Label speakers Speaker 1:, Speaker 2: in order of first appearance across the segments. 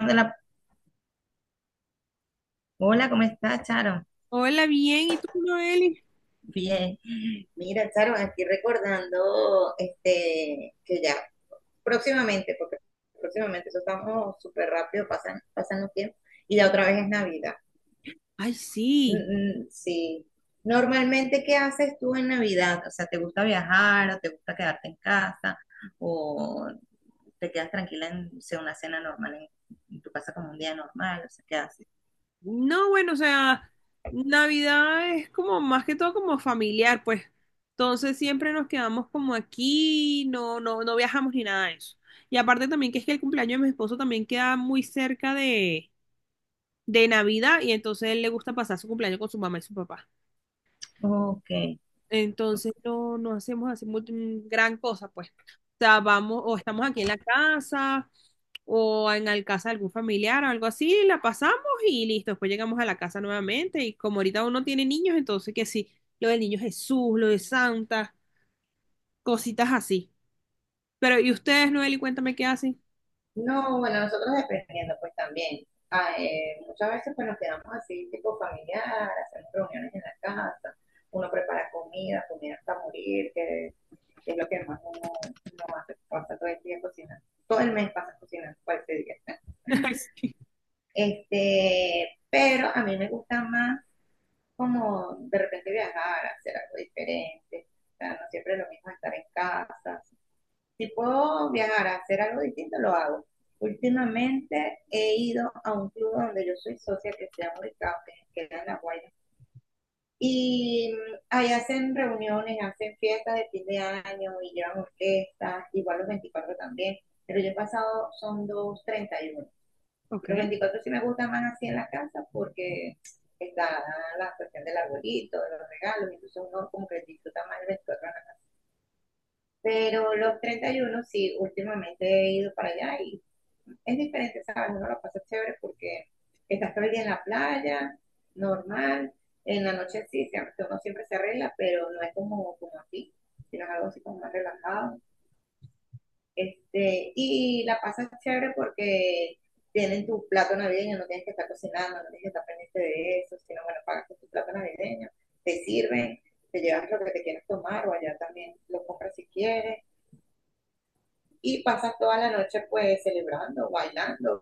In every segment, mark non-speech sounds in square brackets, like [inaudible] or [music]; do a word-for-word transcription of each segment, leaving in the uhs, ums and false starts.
Speaker 1: La- Hola, ¿cómo estás, Charo?
Speaker 2: Hola, bien, ¿y tú, Noeli?
Speaker 1: Bien. Mira, Charo, aquí recordando este que ya próximamente, porque próximamente eso estamos súper rápido, pasan, pasan los tiempos, y ya otra vez es Navidad.
Speaker 2: Ay,
Speaker 1: Mm,
Speaker 2: sí.
Speaker 1: mm, sí. Normalmente, ¿qué haces tú en Navidad? O sea, ¿te gusta viajar o te gusta quedarte en casa o te quedas tranquila en, o sea, una cena normal en, en tu casa como un día normal? O sea, ¿qué haces?
Speaker 2: No, bueno, o sea, Navidad es como más que todo como familiar, pues. Entonces siempre nos quedamos como aquí, no, no, no viajamos ni nada de eso. Y aparte también que es que el cumpleaños de mi esposo también queda muy cerca de, de Navidad y entonces él le gusta pasar su cumpleaños con su mamá y su papá.
Speaker 1: Ok.
Speaker 2: Entonces no, no hacemos así mu- mm, gran cosa, pues. O sea, vamos, o estamos aquí en la casa, o en la casa de algún familiar o algo así, la pasamos y listo. Después llegamos a la casa nuevamente. Y como ahorita uno tiene niños, entonces que sí, lo del niño Jesús, lo de Santa, cositas así. Pero, ¿y ustedes, Noel, y cuéntame qué hacen?
Speaker 1: No, bueno, nosotros dependiendo, pues también. Ah, eh, muchas veces pues nos quedamos así, tipo familiar, hacemos reuniones en la casa, uno prepara comida, comida hasta morir, que es lo que más uno, uno hace, pasa todo el día cocinando. Todo el mes pasa cocinando, cualquier día.
Speaker 2: [laughs] Sí.
Speaker 1: Este, pero a mí me gusta más como de repente viajar, hacer algo diferente. O sea, no siempre es lo mismo estar en casa. Si puedo viajar a hacer algo distinto, lo hago. Últimamente he ido a un club donde yo soy socia que se llama Unicamp, que queda en La Guaira. Y mm, ahí hacen reuniones, hacen fiestas de fin de año y llevan orquestas, igual los veinticuatro también. Pero yo he pasado, son dos treinta y uno.
Speaker 2: Ok.
Speaker 1: Los veinticuatro sí me gustan más así en la casa porque está la cuestión del arbolito, de los regalos, incluso uno como que disfruta más el veinticuatro en la casa. Pero los treinta y uno sí, últimamente he ido para allá y es diferente, ¿sabes? Uno lo pasa chévere porque estás todo el día en la playa, normal, en la noche sí, siempre- uno siempre se arregla, pero no es como, como aquí, sino es algo así como más relajado. Este, y la pasas chévere porque tienen tu plato navideño, no tienes que estar cocinando, no tienes que estar pendiente de eso, sino bueno, pagas con tu plato navideño, te sirven, te llevas lo que te quieras tomar o allá también lo compras si quieres y pasan toda la noche pues celebrando, bailando,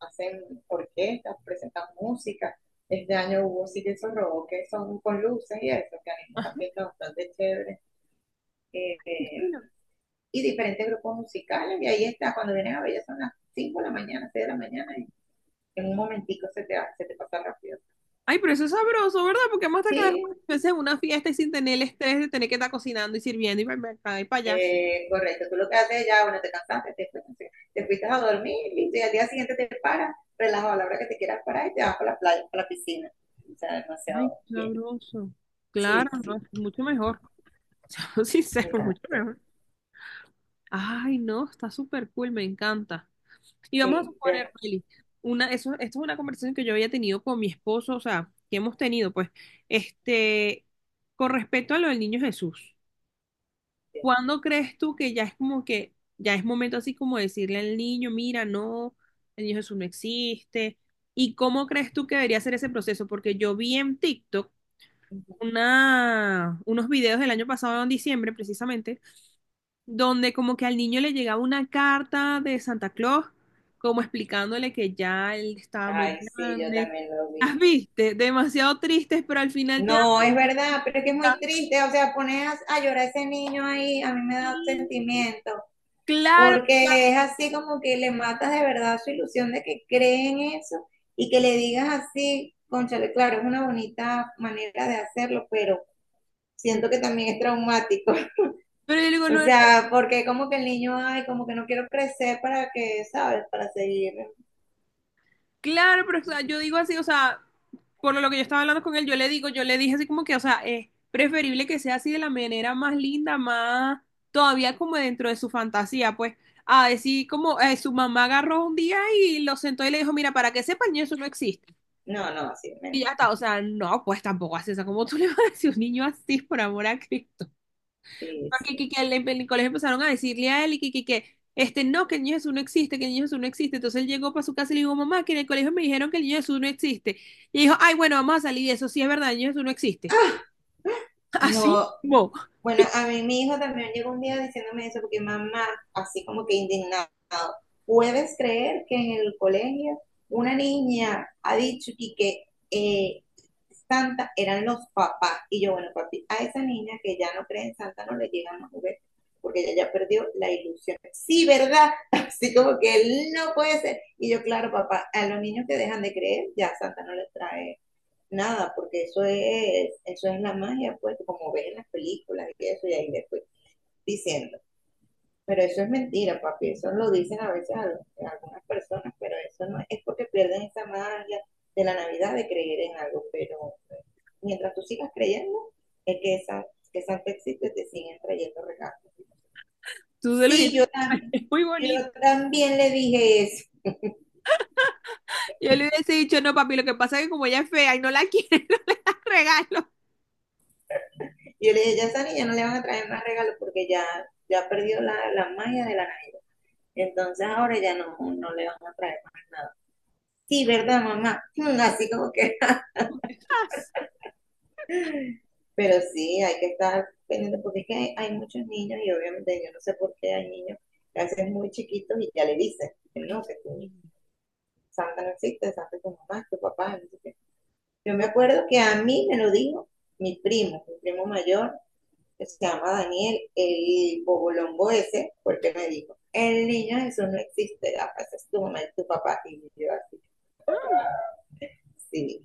Speaker 1: hacen orquestas, presentan música. Este año hubo sí que esos robos que son con luces y eso, que animó
Speaker 2: Ah,
Speaker 1: la fiesta bastante chévere. Eh, eh,
Speaker 2: bueno.
Speaker 1: y diferentes grupos musicales, y ahí está, cuando vienen a ver ya son las cinco de la mañana, seis de la mañana, y en un momentico se te, se te pasa rápido.
Speaker 2: Ay, pero eso es sabroso, ¿verdad? Porque vamos a estar cada
Speaker 1: Sí,
Speaker 2: vez en una fiesta y sin tener el estrés de tener que estar cocinando y sirviendo y para acá y para allá.
Speaker 1: eh, correcto, tú lo que haces ya, bueno, te cansaste, te fuiste, te fuiste a dormir listo, y al día siguiente te paras, relajado a la hora que te quieras parar y te vas para la playa, para la piscina. O sea, demasiado
Speaker 2: Ay, qué
Speaker 1: bien.
Speaker 2: sabroso. Claro,
Speaker 1: Sí,
Speaker 2: no, es
Speaker 1: sí,
Speaker 2: mucho mejor. [laughs] Seamos sinceros, mucho
Speaker 1: exacto.
Speaker 2: mejor. Ay, no, está súper cool, me encanta. Y vamos a
Speaker 1: Sí, pero,
Speaker 2: suponer, Meli, una, eso, esto es una conversación que yo había tenido con mi esposo, o sea, que hemos tenido, pues, este, con respecto a lo del niño Jesús,
Speaker 1: sí.
Speaker 2: ¿cuándo crees tú que ya es como que, ya es momento así como decirle al niño, mira, no, el niño Jesús no existe? ¿Y cómo crees tú que debería ser ese proceso? Porque yo vi en TikTok
Speaker 1: Ujú.
Speaker 2: una, unos videos del año pasado, en diciembre precisamente, donde como que al niño le llegaba una carta de Santa Claus, como explicándole que ya él estaba muy
Speaker 1: Ay, sí, yo
Speaker 2: grande.
Speaker 1: también lo
Speaker 2: Las
Speaker 1: vi.
Speaker 2: viste, demasiado tristes, pero al final te da
Speaker 1: No, es verdad, pero es que es
Speaker 2: felicidad.
Speaker 1: muy triste, o sea, pones a llorar a ese niño ahí, a mí me da
Speaker 2: Sí,
Speaker 1: sentimiento.
Speaker 2: claro, claro.
Speaker 1: Porque es así como que le matas de verdad su ilusión de que cree en eso y que le digas así, cónchale, claro, es una bonita manera de hacerlo, pero siento que también es traumático.
Speaker 2: pero yo
Speaker 1: [laughs]
Speaker 2: digo,
Speaker 1: O
Speaker 2: no, no,
Speaker 1: sea, porque como que el niño, ay, como que no quiero crecer para que, ¿sabes? Para seguir.
Speaker 2: Claro, pero o sea, yo digo así, o sea, por lo que yo estaba hablando con él, yo le digo, yo le dije así como que, o sea, es preferible que sea así de la manera más linda, más todavía como dentro de su fantasía, pues, a decir como eh, su mamá agarró un día y lo sentó y le dijo, mira, para que sepan, eso no existe.
Speaker 1: No, no, sí, men-
Speaker 2: Y ya está, o sea, no, pues tampoco hace eso, como tú le vas a decir a un niño así, por amor a Cristo
Speaker 1: sí,
Speaker 2: que,
Speaker 1: sí.
Speaker 2: que, que en el colegio empezaron a decirle a él y que, que, que, este no, que el niño Jesús no existe, que el niño Jesús no existe. Entonces él llegó para su casa y le dijo, mamá, que en el colegio me dijeron que el niño Jesús no existe. Y dijo, ay, bueno, vamos a salir de eso, sí es verdad, el niño Jesús no existe. [laughs] Así
Speaker 1: No,
Speaker 2: mismo,
Speaker 1: bueno, a mí mi hijo también llegó un día diciéndome eso, porque mamá, así como que indignado, ¿puedes creer que en el colegio una niña ha dicho y que eh, Santa eran los papás? Y yo, bueno, papi, a esa niña que ya no cree en Santa no le llegan los juguetes, porque ella ya perdió la ilusión. Sí, ¿verdad? [laughs] Así como que no puede ser. Y yo, claro, papá, a los niños que dejan de creer, ya Santa no les trae nada, porque eso es, eso es la magia, pues, como ves en las películas y eso, y ahí después diciendo. Pero eso es mentira, papi, eso lo dicen a veces a, a algunas personas, pero eso no es porque pierden esa magia de la Navidad de creer en algo, pero eh, mientras tú sigas creyendo, es que esa que Santa existe, te siguen trayendo regalos.
Speaker 2: tú se lo
Speaker 1: Sí,
Speaker 2: dijiste,
Speaker 1: yo
Speaker 2: [laughs]
Speaker 1: también,
Speaker 2: es muy
Speaker 1: yo
Speaker 2: bonito.
Speaker 1: también le dije eso.
Speaker 2: Yo le hubiese dicho, no, papi, lo que pasa es que como ella es fea y no la quieren, los [laughs] regalo.
Speaker 1: Yo le dije, ya esa niña no le van a traer más regalos porque ya, ya perdió la, la magia de la Navidad. Entonces ahora ya no, no le van a traer más nada. Sí, ¿verdad, mamá? [laughs] Mm, Así como que,
Speaker 2: [laughs]
Speaker 1: pero sí, hay que estar pendiente porque es que hay, hay muchos niños y obviamente yo no sé por qué hay niños que a veces muy chiquitos y ya le dicen, que
Speaker 2: Ay,
Speaker 1: no, que tú,
Speaker 2: sí.
Speaker 1: Santa no existe, Santa es tu mamá, tu papá, no sé qué. Yo me
Speaker 2: Bu-
Speaker 1: acuerdo que a mí me lo dijo mi primo, mi primo mayor, que se llama Daniel, el bobolombo ese, porque me dijo, el niño Jesús no existe, Rafa, ese es tu mamá y tu papá. Y yo así,
Speaker 2: ah,
Speaker 1: sí,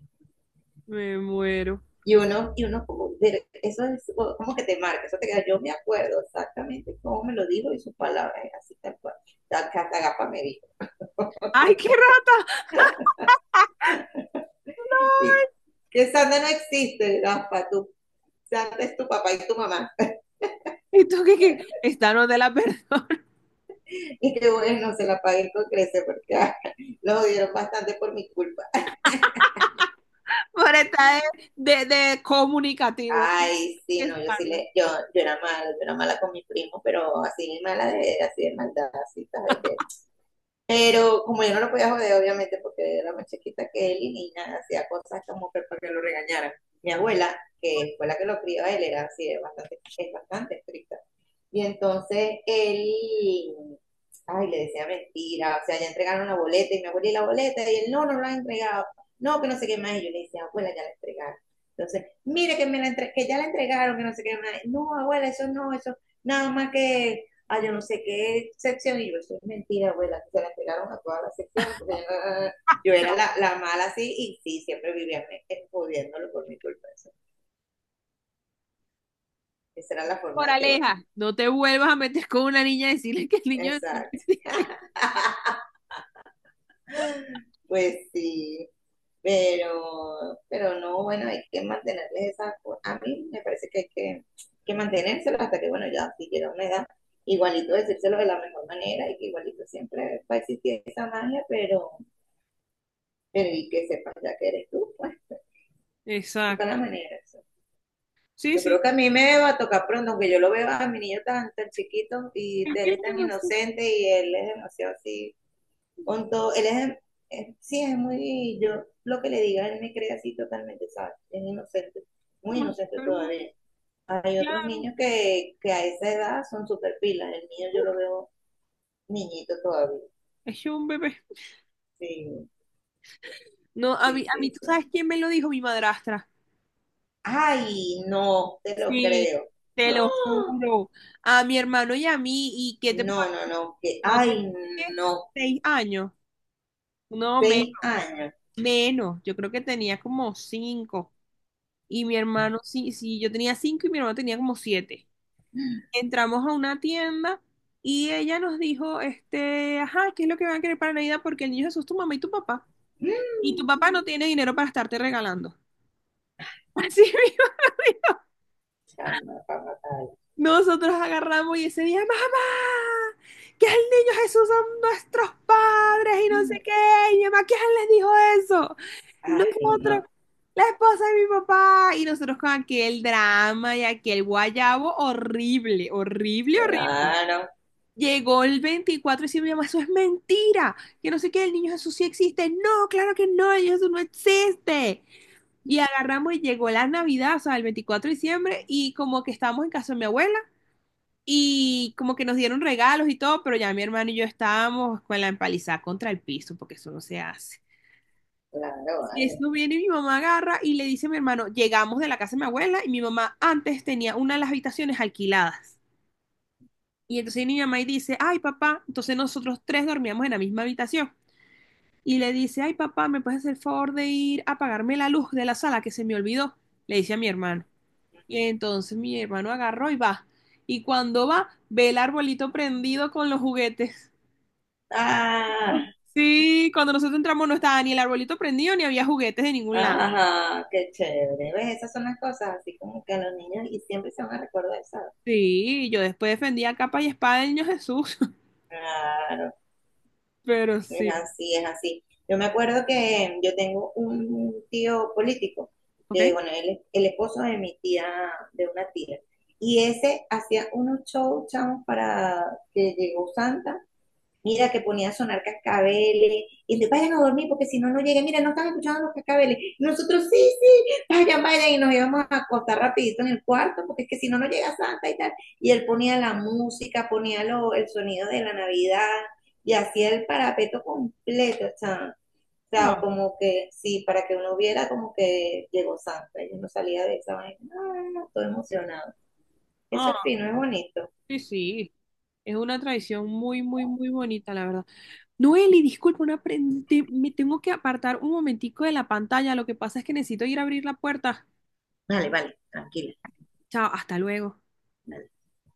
Speaker 2: Me muero.
Speaker 1: y uno, y uno como, ver, eso es como que te marca, eso te queda, yo me acuerdo exactamente cómo me lo dijo y sus palabras, así tal cual, tal hasta Gapa me dijo.
Speaker 2: Ay, qué rata. [laughs]
Speaker 1: Y que Sandra no existe, Gapa, tú, Sandra es tu papá y tu mamá.
Speaker 2: No. ¿Y tú qué, qué? Esta no te la [laughs] perdono.
Speaker 1: Y que bueno, se la pagué con crece porque ah, lo odiaron bastante por mi culpa.
Speaker 2: Por estar de, de, de comunicativo. Hay
Speaker 1: Ay,
Speaker 2: que
Speaker 1: sí, no, yo sí
Speaker 2: estarlo.
Speaker 1: le, yo, yo era mala, yo era mala con mi primo, pero así mala de, así de maldad, así, ¿sabes? Que pero como yo no lo podía joder, obviamente, porque era más chiquita que él y ni nada, hacía cosas como que para que lo regañaran. Mi abuela, que fue la que lo crió a él, era así, es bastante, es bastante estricta. Y entonces él, ay, le decía mentira, o sea, ya entregaron la boleta y mi abuela y la boleta, y él, no, no la han entregado, no, que no sé qué más, y yo le decía, abuela, ya la entregaron. Entonces, mire que, me la entre- que ya la entregaron, que no sé qué más, no, abuela, eso no, eso, nada más que, ah, yo no sé qué sección, y yo, eso es mentira, abuela, se la entregaron a todas las secciones, porque yo, no- yo era la, la mala así, y sí, siempre vivían jodiéndolo por mi culpa, eso. Esa era la forma
Speaker 2: Por
Speaker 1: de que, bueno,
Speaker 2: aleja, no te vuelvas a meter con una niña y decirle que el niño es un...
Speaker 1: exacto, pues sí. Pero, pero no, bueno, hay que mantenerles esa, co- a mí me parece que hay que, que mantenérselo hasta que, bueno, ya si llega una edad, igualito decírselo de la mejor manera y que igualito siempre va a existir esa magia, pero, pero y que sepas ya que eres tú, pues, busca la
Speaker 2: Exacto.
Speaker 1: manera. Eso.
Speaker 2: Sí,
Speaker 1: Yo
Speaker 2: sí.
Speaker 1: creo que a mí me va a tocar pronto, aunque yo lo veo a mi niño tan, tan chiquito y él
Speaker 2: Tranquila,
Speaker 1: es tan
Speaker 2: demasiado,
Speaker 1: inocente y él es demasiado así con todo, él es, es- sí, es muy, yo lo que le diga, él me cree así totalmente, ¿sabes? Es inocente, muy inocente
Speaker 2: demasiado,
Speaker 1: todavía. Hay otros
Speaker 2: claro.
Speaker 1: niños que, que a esa edad son súper pilas, el mío yo
Speaker 2: Uh,
Speaker 1: lo veo niñito todavía,
Speaker 2: es un bebé.
Speaker 1: sí,
Speaker 2: No, a mí,
Speaker 1: sí,
Speaker 2: a mí,
Speaker 1: sí,
Speaker 2: ¿tú
Speaker 1: sí.
Speaker 2: sabes quién me lo dijo? Mi madrastra.
Speaker 1: Ay, no, te lo
Speaker 2: Sí,
Speaker 1: creo.
Speaker 2: te lo
Speaker 1: ¡Ah!
Speaker 2: juro. A mi hermano y a mí. ¿Y qué te puedo
Speaker 1: No, no,
Speaker 2: decir?
Speaker 1: no, que,
Speaker 2: No tenía
Speaker 1: ay,
Speaker 2: ¿qué?
Speaker 1: no,
Speaker 2: Seis años. No, me-
Speaker 1: seis años.
Speaker 2: menos. Yo creo que tenía como cinco. Y mi hermano, sí, sí, yo tenía cinco y mi hermano tenía como siete.
Speaker 1: Mm,
Speaker 2: Entramos a una tienda y ella nos dijo, este, ajá, ¿qué es lo que van a querer para Navidad? Porque el niño Jesús es tu mamá y tu papá. Y tu papá no tiene dinero para estarte regalando. [laughs] Así mismo.
Speaker 1: Chama, para matar.
Speaker 2: Nosotros agarramos y ese día, mamá, que el niño Jesús son nuestros padres y no sé qué. Y mi mamá, ¿quién les dijo eso?
Speaker 1: Ay,
Speaker 2: Nosotros,
Speaker 1: no,
Speaker 2: la esposa de mi papá. Y nosotros con aquel drama y aquel guayabo horrible, horrible, horrible.
Speaker 1: claro,
Speaker 2: Llegó el veinticuatro y decía, mi mamá, eso es mentira. Que no sé qué, el niño Jesús sí existe. No, claro que no, el niño Jesús no existe. Y agarramos y llegó la Navidad, o sea, el veinticuatro de diciembre, y como que estábamos en casa de mi abuela. Y como que nos dieron regalos y todo, pero ya mi hermano y yo estábamos con la empalizada contra el piso, porque eso no se hace.
Speaker 1: claro,
Speaker 2: Y
Speaker 1: vale.
Speaker 2: eso viene y mi mamá agarra y le dice a mi hermano, llegamos de la casa de mi abuela y mi mamá antes tenía una de las habitaciones alquiladas. Y entonces mi mamá y dice, ay papá, entonces nosotros tres dormíamos en la misma habitación. Y le dice, ay papá, ¿me puedes hacer el favor de ir a apagarme la luz de la sala que se me olvidó? Le dice a mi hermano. Y entonces mi hermano agarró y va. Y cuando va, ve el arbolito prendido con los juguetes.
Speaker 1: Ah,
Speaker 2: Sí, cuando nosotros entramos no estaba ni el arbolito prendido ni había juguetes de ningún lado.
Speaker 1: ajá, qué chévere. ¿Ves? Esas son las cosas, así como que a los niños y siempre se van a recordar eso.
Speaker 2: Sí, yo después defendía capa y espada del niño Jesús, [laughs]
Speaker 1: Claro,
Speaker 2: pero
Speaker 1: es
Speaker 2: sí,
Speaker 1: así, es así. Yo me acuerdo que yo tengo un tío político,
Speaker 2: ¿ok?
Speaker 1: que bueno, él es el esposo de mi tía, de una tía, y ese hacía unos shows, chavos, para que llegó Santa. Mira que ponía a sonar cascabeles, y entonces vayan a dormir porque si no, no llegan. Mira, no están escuchando los cascabeles. Y nosotros, sí, sí, vayan, vayan, y nos íbamos a acostar rapidito en el cuarto porque es que si no, no llega Santa y tal. Y él ponía la música, ponía lo, el sonido de la Navidad y hacía el parapeto completo, o sea, o sea,
Speaker 2: Ah,
Speaker 1: como que sí, para que uno viera como que llegó Santa. Yo no salía de esa vaina, ah, todo emocionado. Eso es
Speaker 2: ah,
Speaker 1: fino, es bonito.
Speaker 2: sí, sí, es una tradición muy, muy, muy bonita, la verdad. Noeli, disculpa, una pre- te- me tengo que apartar un momentico de la pantalla, lo que pasa es que necesito ir a abrir la puerta.
Speaker 1: Vale, vale, tranquila.
Speaker 2: Chao, hasta luego.